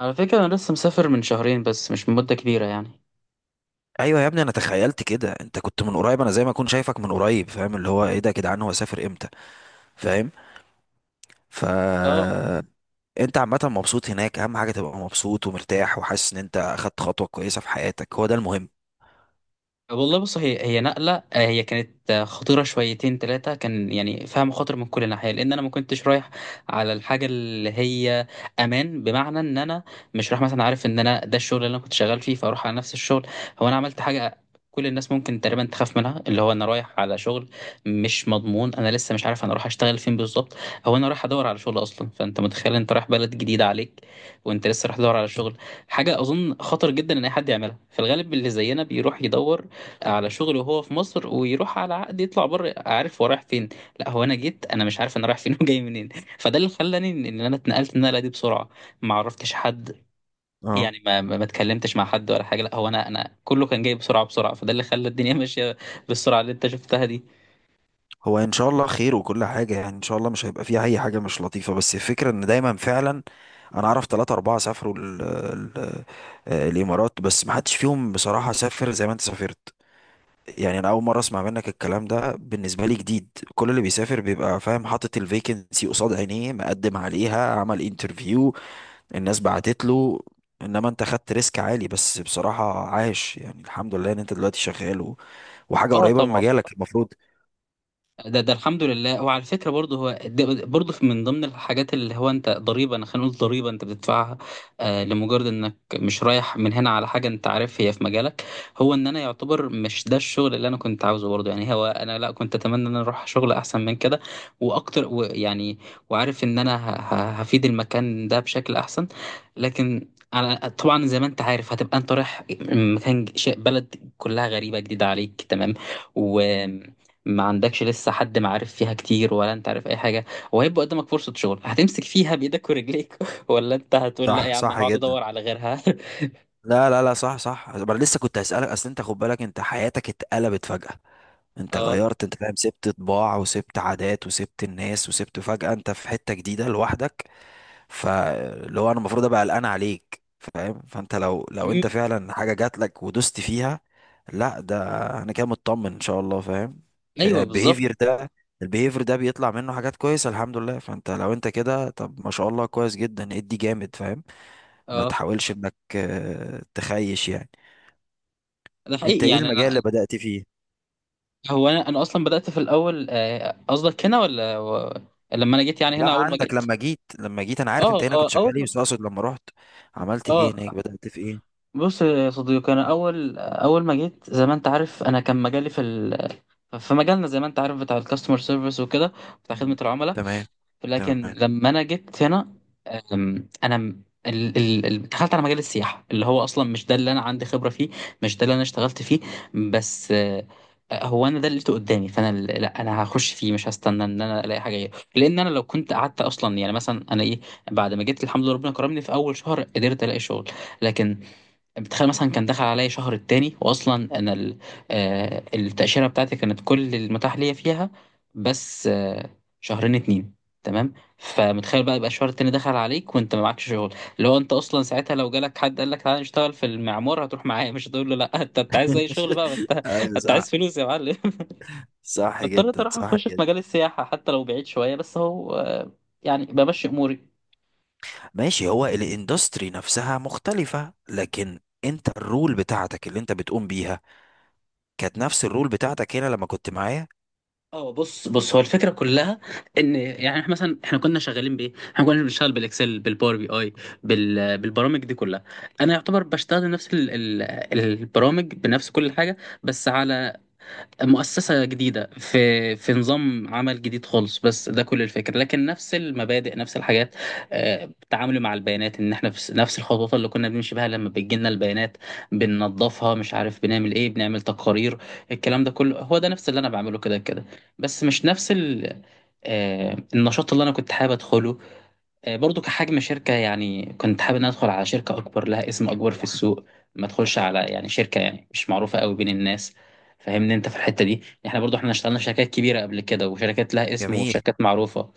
على فكرة أنا لسه مسافر من شهرين، بس مش من مدة كبيرة يعني. ايوه يا ابني، انا تخيلت كده. انت كنت من قريب، انا زي ما اكون شايفك من قريب. فاهم اللي هو ايه ده يا جدعان؟ هو سافر امتى؟ فاهم. ف اه. انت عامه مبسوط هناك؟ اهم حاجه تبقى مبسوط ومرتاح وحاسس ان انت اخدت خطوه كويسه في حياتك. هو ده المهم. والله بص، هي نقلة، هي كانت خطيرة شويتين تلاتة. كان يعني فيها مخاطر من كل ناحية، لأن أنا ما كنتش رايح على الحاجة اللي هي أمان، بمعنى إن أنا مش رايح مثلا، عارف إن أنا ده الشغل اللي أنا كنت شغال فيه فأروح على نفس الشغل. هو أنا عملت حاجة كل الناس ممكن تقريبا تخاف منها، اللي هو أنا رايح على شغل مش مضمون، أنا لسه مش عارف أنا رايح أشتغل فين بالظبط. هو أنا رايح أدور على شغل أصلا، فأنت متخيل أنت رايح بلد جديدة عليك وأنت لسه رايح تدور على شغل. حاجة أظن خطر جدا إن أي حد يعملها، في الغالب اللي زينا بيروح يدور على شغل وهو في مصر ويروح على عقد يطلع بره عارف هو رايح فين. لا، هو انا جيت انا مش عارف انا رايح فين وجاي منين. فده اللي خلاني إن انا اتنقلت النقله دي بسرعه، ما عرفتش حد، اه. يعني ما اتكلمتش مع حد ولا حاجه. لا هو انا كله كان جاي بسرعه بسرعه، فده اللي خلى الدنيا ماشيه بالسرعه اللي انت شفتها دي. هو ان شاء الله خير، وكل حاجه يعني ان شاء الله مش هيبقى فيها اي حاجه مش لطيفه. بس الفكره ان دايما فعلا انا اعرف ثلاثة اربعة سافروا ال الامارات، بس ما حدش فيهم بصراحه سافر زي ما انت سافرت. يعني انا اول مره اسمع منك الكلام ده، بالنسبه لي جديد. كل اللي بيسافر بيبقى فاهم، حاطط الفيكنسي قصاد عينيه، مقدم عليها، عمل انترفيو، الناس بعتت له. انما انت خدت ريسك عالي. بس بصراحه عاش يعني، الحمد لله ان انت دلوقتي شغال وحاجه اه قريبه من طبعا. مجالك المفروض. ده الحمد لله. وعلى فكره برضه، هو من ضمن الحاجات اللي هو انت ضريبه، انا خلينا نقول ضريبه انت بتدفعها، لمجرد انك مش رايح من هنا على حاجه انت عارف هي في مجالك، هو ان انا يعتبر مش ده الشغل اللي انا كنت عاوزه برضه. يعني هو انا لا كنت اتمنى ان انا اروح شغل احسن من كده واكتر، ويعني وعارف ان انا هفيد المكان ده بشكل احسن. لكن على طبعا زي ما انت عارف هتبقى انت رايح مكان بلد كلها غريبه جديده عليك، تمام. مم. ما عندكش لسه حد معارف فيها كتير ولا انت عارف اي حاجه، وهيبقى قدامك فرصه شغل هتمسك فيها بايدك ورجليك ولا انت هتقول لا صح، يا عم انا صح هقعد جدا. ادور على غيرها؟ لا لا لا، صح، صح. انا لسه كنت هسألك، اصل انت خد بالك، انت حياتك اتقلبت فجأة. انت اه. غيرت، انت فاهم، سبت طباع وسبت عادات وسبت الناس، وسبت فجأة انت في حتة جديدة لوحدك. فاللي هو انا المفروض ابقى قلقان عليك، فاهم. فانت لو مم. انت فعلا حاجه جات لك ودوست فيها. لا، ده انا كده مطمن ان شاء الله، فاهم. ايوه بالظبط. البيهيفير ده البيهيفير ده بيطلع منه حاجات كويسه الحمد لله. فانت لو انت كده، طب ما شاء الله، كويس جدا، ادي جامد، فاهم. ما اه تحاولش انك تخيش يعني. ده انت حقيقي ايه يعني المجال اللي انا. بدأت فيه؟ هو انا اصلا بدات في الاول، قصدك هنا ولا و...؟ لما انا جيت يعني لا، هنا اول ما عندك جيت. لما جيت انا عارف انت اه هنا اه كنت اول شغال ايه، ما بس اقصد لما رحت عملت ايه اه هناك، بدأت في ايه؟ بص يا صديقي انا اول اول ما جيت زي ما انت عارف انا كان مجالي في ال... في مجالنا زي ما انت عارف بتاع الكاستمر سيرفيس وكده، بتاع خدمه مم. العملاء. تمام. لكن تمام. لما انا جيت هنا، انا دخلت على مجال السياحه اللي هو اصلا مش ده اللي انا عندي خبره فيه، مش ده اللي انا اشتغلت فيه. بس هو انا ده اللي لقيته قدامي، فانا لا انا هخش فيه، مش هستنى ان انا الاقي حاجه غيره، لان انا لو كنت قعدت اصلا، يعني مثلا انا ايه. بعد ما جيت الحمد لله ربنا كرمني في اول شهر قدرت الاقي شغل. لكن بتخيل مثلا كان دخل عليا شهر التاني، التاشيره بتاعتي كانت كل المتاح ليا فيها، بس شهرين اتنين. تمام. فمتخيل بقى يبقى الشهر التاني دخل عليك وانت ما معكش شغل، اللي هو انت اصلا ساعتها لو جالك حد قال لك تعالى نشتغل في المعمار هتروح معايا مش هتقول له لا. انت عايز اي شغل بقى، ما انت ايوه انت عايز صح، فلوس يا معلم. صح اضطريت جدا، اروح صح اخش في جدا. مجال السياحه حتى لو بعيد شويه، بس هو يعني بمشي اموري. ماشي، هو الاندستري نفسها مختلفة، لكن انت الرول بتاعتك اللي انت بتقوم بيها كانت نفس الرول بتاعتك هنا لما كنت معايا. اه بص بص هو الفكره كلها ان يعني احنا مثلا احنا كنا شغالين بايه؟ احنا كنا بنشتغل بالاكسل بالباور بي اي، بالبرامج دي كلها. انا يعتبر بشتغل نفس ال البرامج بنفس كل حاجه، بس على مؤسسة جديدة، في نظام عمل جديد خالص. بس ده كل الفكرة، لكن نفس المبادئ نفس الحاجات. التعامل مع البيانات ان احنا في نفس الخطوات اللي كنا بنمشي بها لما بتجيلنا البيانات بننظفها، مش عارف بنعمل ايه، بنعمل تقارير. الكلام ده كله هو ده نفس اللي انا بعمله كده كده. بس مش نفس ال النشاط اللي انا كنت حابب ادخله. برضو كحجم شركة يعني كنت حابب ان أنا ادخل على شركة اكبر، لها اسم اكبر في السوق، ما ادخلش على يعني شركة يعني مش معروفة قوي بين الناس. فاهمني انت في الحتة دي. احنا برضو احنا اشتغلنا في شركات كبيرة قبل كده وشركات لها اسم جميل. وشركات معروفة،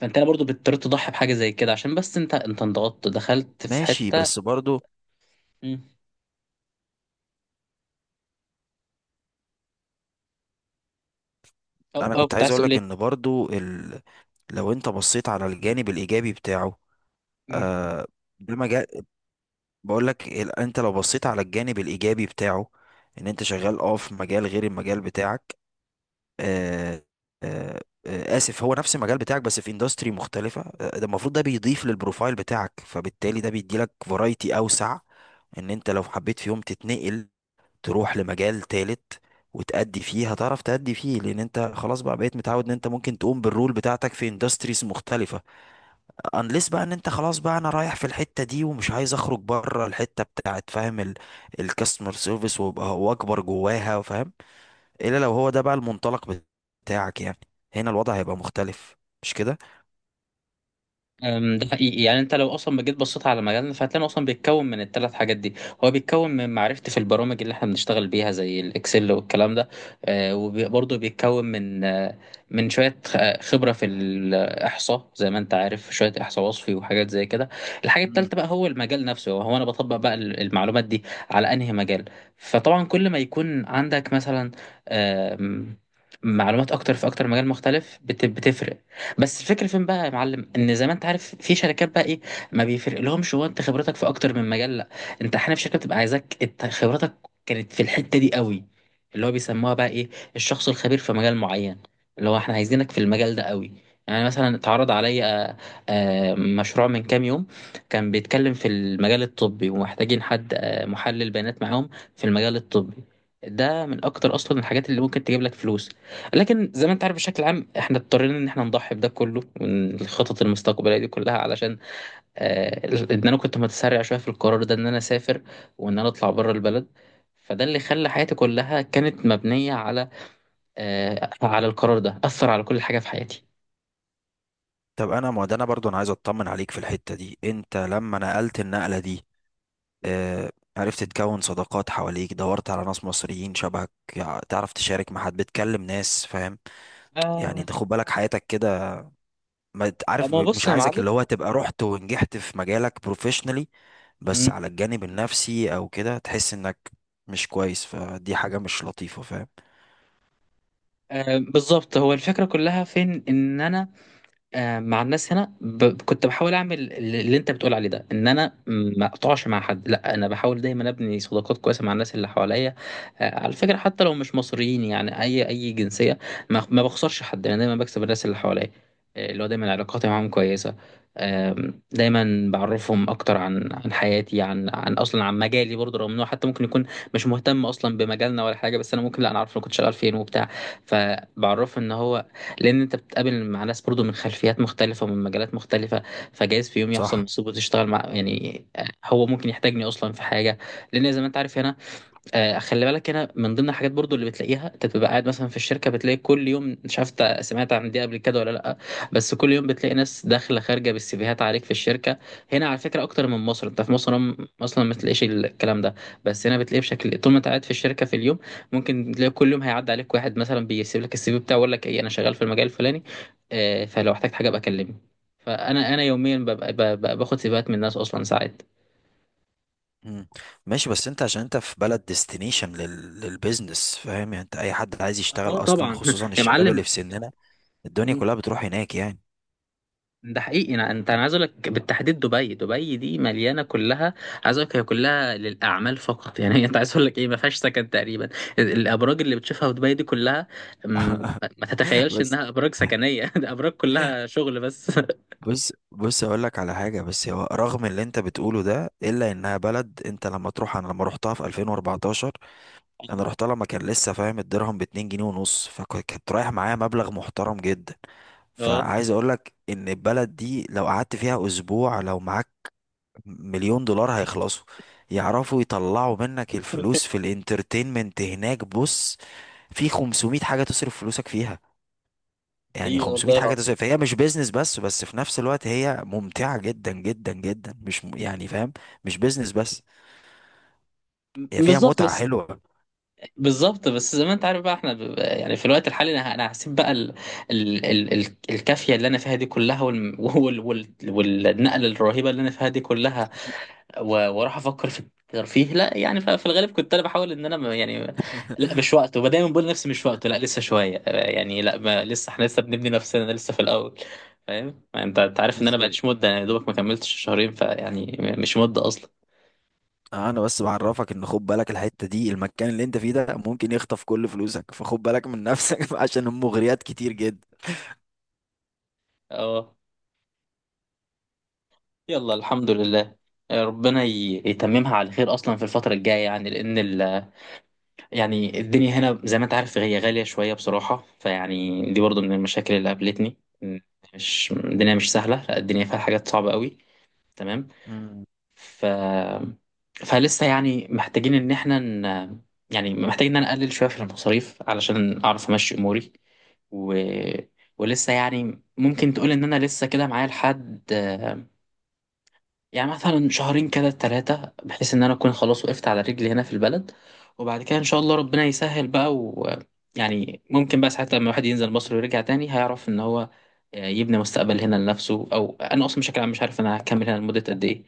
فانت أنا برضو بتضطر تضحي بحاجة زي كده، عشان بس انت انضغطت دخلت في ماشي، حتة. بس برضو مم. او انا او كنت كنت عايز عايز اقول لك تقول ان برضو ال... لو انت بصيت على الجانب الايجابي بتاعه. ايه؟ آه، ده مجال. بقول لك، انت لو بصيت على الجانب الايجابي بتاعه، ان انت شغال في مجال غير المجال بتاعك. آه، آه، آه، اسف، هو نفس المجال بتاعك بس في اندستري مختلفة، ده المفروض ده بيضيف للبروفايل بتاعك، فبالتالي ده بيديلك فرايتي اوسع، ان انت لو حبيت في يوم تتنقل، تروح لمجال تالت وتأدي فيه، هتعرف تأدي فيه، لان انت خلاص بقى بقيت متعود ان انت ممكن تقوم بالرول بتاعتك في اندستريز مختلفة. انليس بقى ان انت خلاص بقى انا رايح في الحتة دي، ومش عايز اخرج بره الحتة بتاعت، فاهم، الكاستمر سيرفيس، وابقى هو اكبر جواها، فاهم. الا لو هو ده بقى المنطلق بتاعك يعني، هنا الوضع هيبقى مختلف. مش كده؟ ده حقيقي يعني انت لو اصلا ما جيت بصيت على مجالنا فهتلاقي اصلا بيتكون من الثلاث حاجات دي. هو بيتكون من معرفتي في البرامج اللي احنا بنشتغل بيها زي الاكسل والكلام ده، وبرضه بيتكون من من شويه خبره في الاحصاء، زي ما انت عارف شويه احصاء وصفي وحاجات زي كده. الحاجه مم. الثالثه بقى هو المجال نفسه، هو انا بطبق بقى المعلومات دي على انهي مجال. فطبعا كل ما يكون عندك مثلا آم، معلومات اكتر في اكتر مجال مختلف بتفرق. بس الفكره فين بقى يا معلم ان زي ما انت عارف في شركات بقى ايه ما بيفرق لهمش هو انت خبرتك في اكتر من مجال، لا، انت احيانا في شركه بتبقى عايزاك انت خبرتك كانت في الحته دي قوي، اللي هو بيسموها بقى ايه الشخص الخبير في مجال معين، اللي هو احنا عايزينك في المجال ده قوي. يعني مثلا اتعرض عليا مشروع من كام يوم كان بيتكلم في المجال الطبي ومحتاجين حد محلل بيانات معاهم في المجال الطبي. ده من اكتر اصلا الحاجات اللي ممكن تجيب لك فلوس. لكن زي ما انت عارف بشكل عام احنا اضطرينا ان احنا نضحي بده كله من الخطط المستقبليه دي كلها، علشان آه ان انا كنت متسرع شويه في القرار ده ان انا اسافر، وان انا اطلع بره البلد. فده اللي خلى حياتي كلها كانت مبنيه على على القرار ده، اثر على كل حاجه في حياتي. طب انا ما ده انا برضو انا عايز اطمن عليك في الحتة دي. انت لما نقلت النقلة دي، آه عرفت تكون صداقات حواليك؟ دورت على ناس مصريين شبهك؟ تعرف تشارك مع حد؟ بتكلم ناس، فاهم؟ يعني آه. انت خد بالك حياتك كده. ما ت- عارف، ما هو بص مش يا عايزك معلم. اللي هو تبقى رحت ونجحت في مجالك بروفيشنالي، بس مم، على الجانب النفسي او كده تحس انك مش كويس، فدي حاجة مش لطيفة، فاهم. آه بالظبط. هو الفكره كلها فين ان انا مع الناس هنا كنت بحاول اعمل اللي انت بتقول عليه ده، ان انا ما اقطعش مع حد. لا انا بحاول دايما ابني صداقات كويسه مع الناس اللي حواليا، على فكره حتى لو مش مصريين، يعني اي جنسيه. ما بخسرش حد، انا دايما بكسب الناس اللي حواليا، اللي هو دايما علاقاتي معاهم كويسه. دايما بعرفهم اكتر عن حياتي، عن اصلا عن مجالي برضه، رغم انه حتى ممكن يكون مش مهتم اصلا بمجالنا ولا حاجه. بس انا ممكن لا انا عارف انا كنت شغال فين وبتاع، فبعرفه ان هو، لان انت بتقابل مع ناس برضو من خلفيات مختلفه ومن مجالات مختلفه. فجايز في يوم يحصل صح. نصيب وتشتغل مع يعني، هو ممكن يحتاجني اصلا في حاجه. لان زي ما انت عارف هنا، خلي بالك هنا من ضمن الحاجات برضو اللي بتلاقيها، انت بتبقى قاعد مثلا في الشركه بتلاقي كل يوم مش عارف إنت سمعت عن دي قبل كده ولا لا، بس كل يوم بتلاقي ناس داخله خارجه بالسيفيهات عليك في الشركه. هنا على فكره اكتر من مصر، انت في مصر هم اصلا ما تلاقيش الكلام ده، بس هنا بتلاقيه بشكل طول ما انت قاعد في الشركه في اليوم ممكن تلاقي كل يوم هيعدي عليك واحد مثلا بيسيب لك السي في بتاعه ويقول لك ايه انا شغال في المجال الفلاني، فلو احتجت حاجه ابقى كلمني. فانا يوميا ببقى باخد سيفيهات من الناس اصلا ساعات. مم. ماشي، بس انت عشان انت في بلد ديستنيشن للبيزنس، فاهم يعني. انت اي حد عايز يشتغل اه اصلا، طبعا خصوصا يا الشباب معلم. اللي في سننا، الدنيا كلها بتروح هناك يعني. ده حقيقي. انا عايز اقول لك بالتحديد دبي دي مليانه كلها، عايز اقول لك هي كلها للاعمال فقط. يعني هي انت عايز اقول لك ايه، ما فيهاش سكن تقريبا. الابراج اللي بتشوفها في دبي دي كلها أم، ما تتخيلش بس انها ابراج سكنيه. ده ابراج كلها شغل بس. بص بص اقول لك على حاجه. بس هو رغم اللي انت بتقوله ده، الا انها بلد، انت لما تروح، انا لما روحتها في 2014، انا روحتها لما كان لسه فاهم الدرهم ب 2 جنيه ونص، فكنت رايح معايا مبلغ محترم جدا. اه. فعايز اقول لك ان البلد دي لو قعدت فيها اسبوع، لو معاك مليون دولار هيخلصوا. يعرفوا يطلعوا منك الفلوس في الانترتينمنت هناك. بص، في 500 حاجة تصرف فلوسك فيها. يعني ايه 500 والله حاجة العظيم. تصرف، فهي مش بيزنس بس، بس في نفس الوقت هي ممتعة جدا جدا جدا، مش يعني فاهم. مش بيزنس بس، هي فيها بالظبط متعة بس. حلوة. بالظبط بس زي ما انت عارف بقى احنا يعني في الوقت الحالي انا هسيب بقى الكافيه اللي انا فيها دي كلها، والنقله الرهيبه اللي انا فيها دي كلها، و- واروح افكر في الترفيه. لا يعني في الغالب كنت انا بحاول ان انا يعني لا مش وقته. ودايما بقول لنفسي مش وقته، لا لسه شويه، يعني لا ما لسه احنا لسه بنبني نفسنا لسه في الاول. فاهم يعني، انت عارف ان بس انا بقاليش مده يعني، يا دوبك ما كملتش شهرين، فيعني مش مده اصلا. انا بس بعرفك ان خد بالك الحتة دي، المكان اللي انت فيه ده ممكن يخطف كل فلوسك، فخد بالك من نفسك، عشان المغريات كتير جدا. اه. يلا الحمد لله. ربنا يتممها على خير اصلا في الفتره الجايه، يعني لان ال يعني الدنيا هنا زي ما انت عارف هي غالية شوية بصراحة، فيعني دي برضو من المشاكل اللي قابلتني. مش الدنيا مش سهلة، لا الدنيا فيها حاجات صعبة قوي. تمام. مم. ف فلسه يعني محتاجين ان احنا ن... يعني محتاجين ان انا اقلل شوية في المصاريف علشان اعرف امشي اموري و... ولسه يعني ممكن تقول ان انا لسه كده معايا لحد يعني مثلا شهرين كده ثلاثة بحيث إن أنا أكون خلاص وقفت على رجلي هنا في البلد. وبعد كده إن شاء الله ربنا يسهل بقى، ويعني ممكن بقى ساعات لما الواحد ينزل مصر ويرجع تاني هيعرف إن هو يبني مستقبل هنا لنفسه، أو أنا أصلا بشكل عام مش عارف أنا هكمل هنا لمدة قد إيه.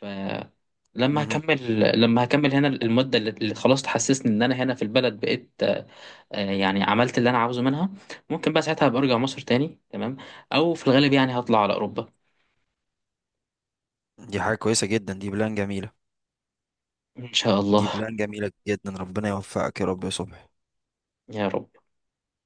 فلما مهم. هكمل لما هكمل هنا المدة اللي خلاص تحسسني إن أنا هنا في البلد بقيت، يعني عملت اللي أنا عاوزه منها، ممكن بقى ساعتها أبقى أرجع مصر تاني تمام. أو في الغالب يعني هطلع على أوروبا دي حاجة كويسة جدا، دي بلان جميلة. إن شاء دي الله بلان جميلة جدا. ربنا يوفقك يا رب يا صبحي. يا رب.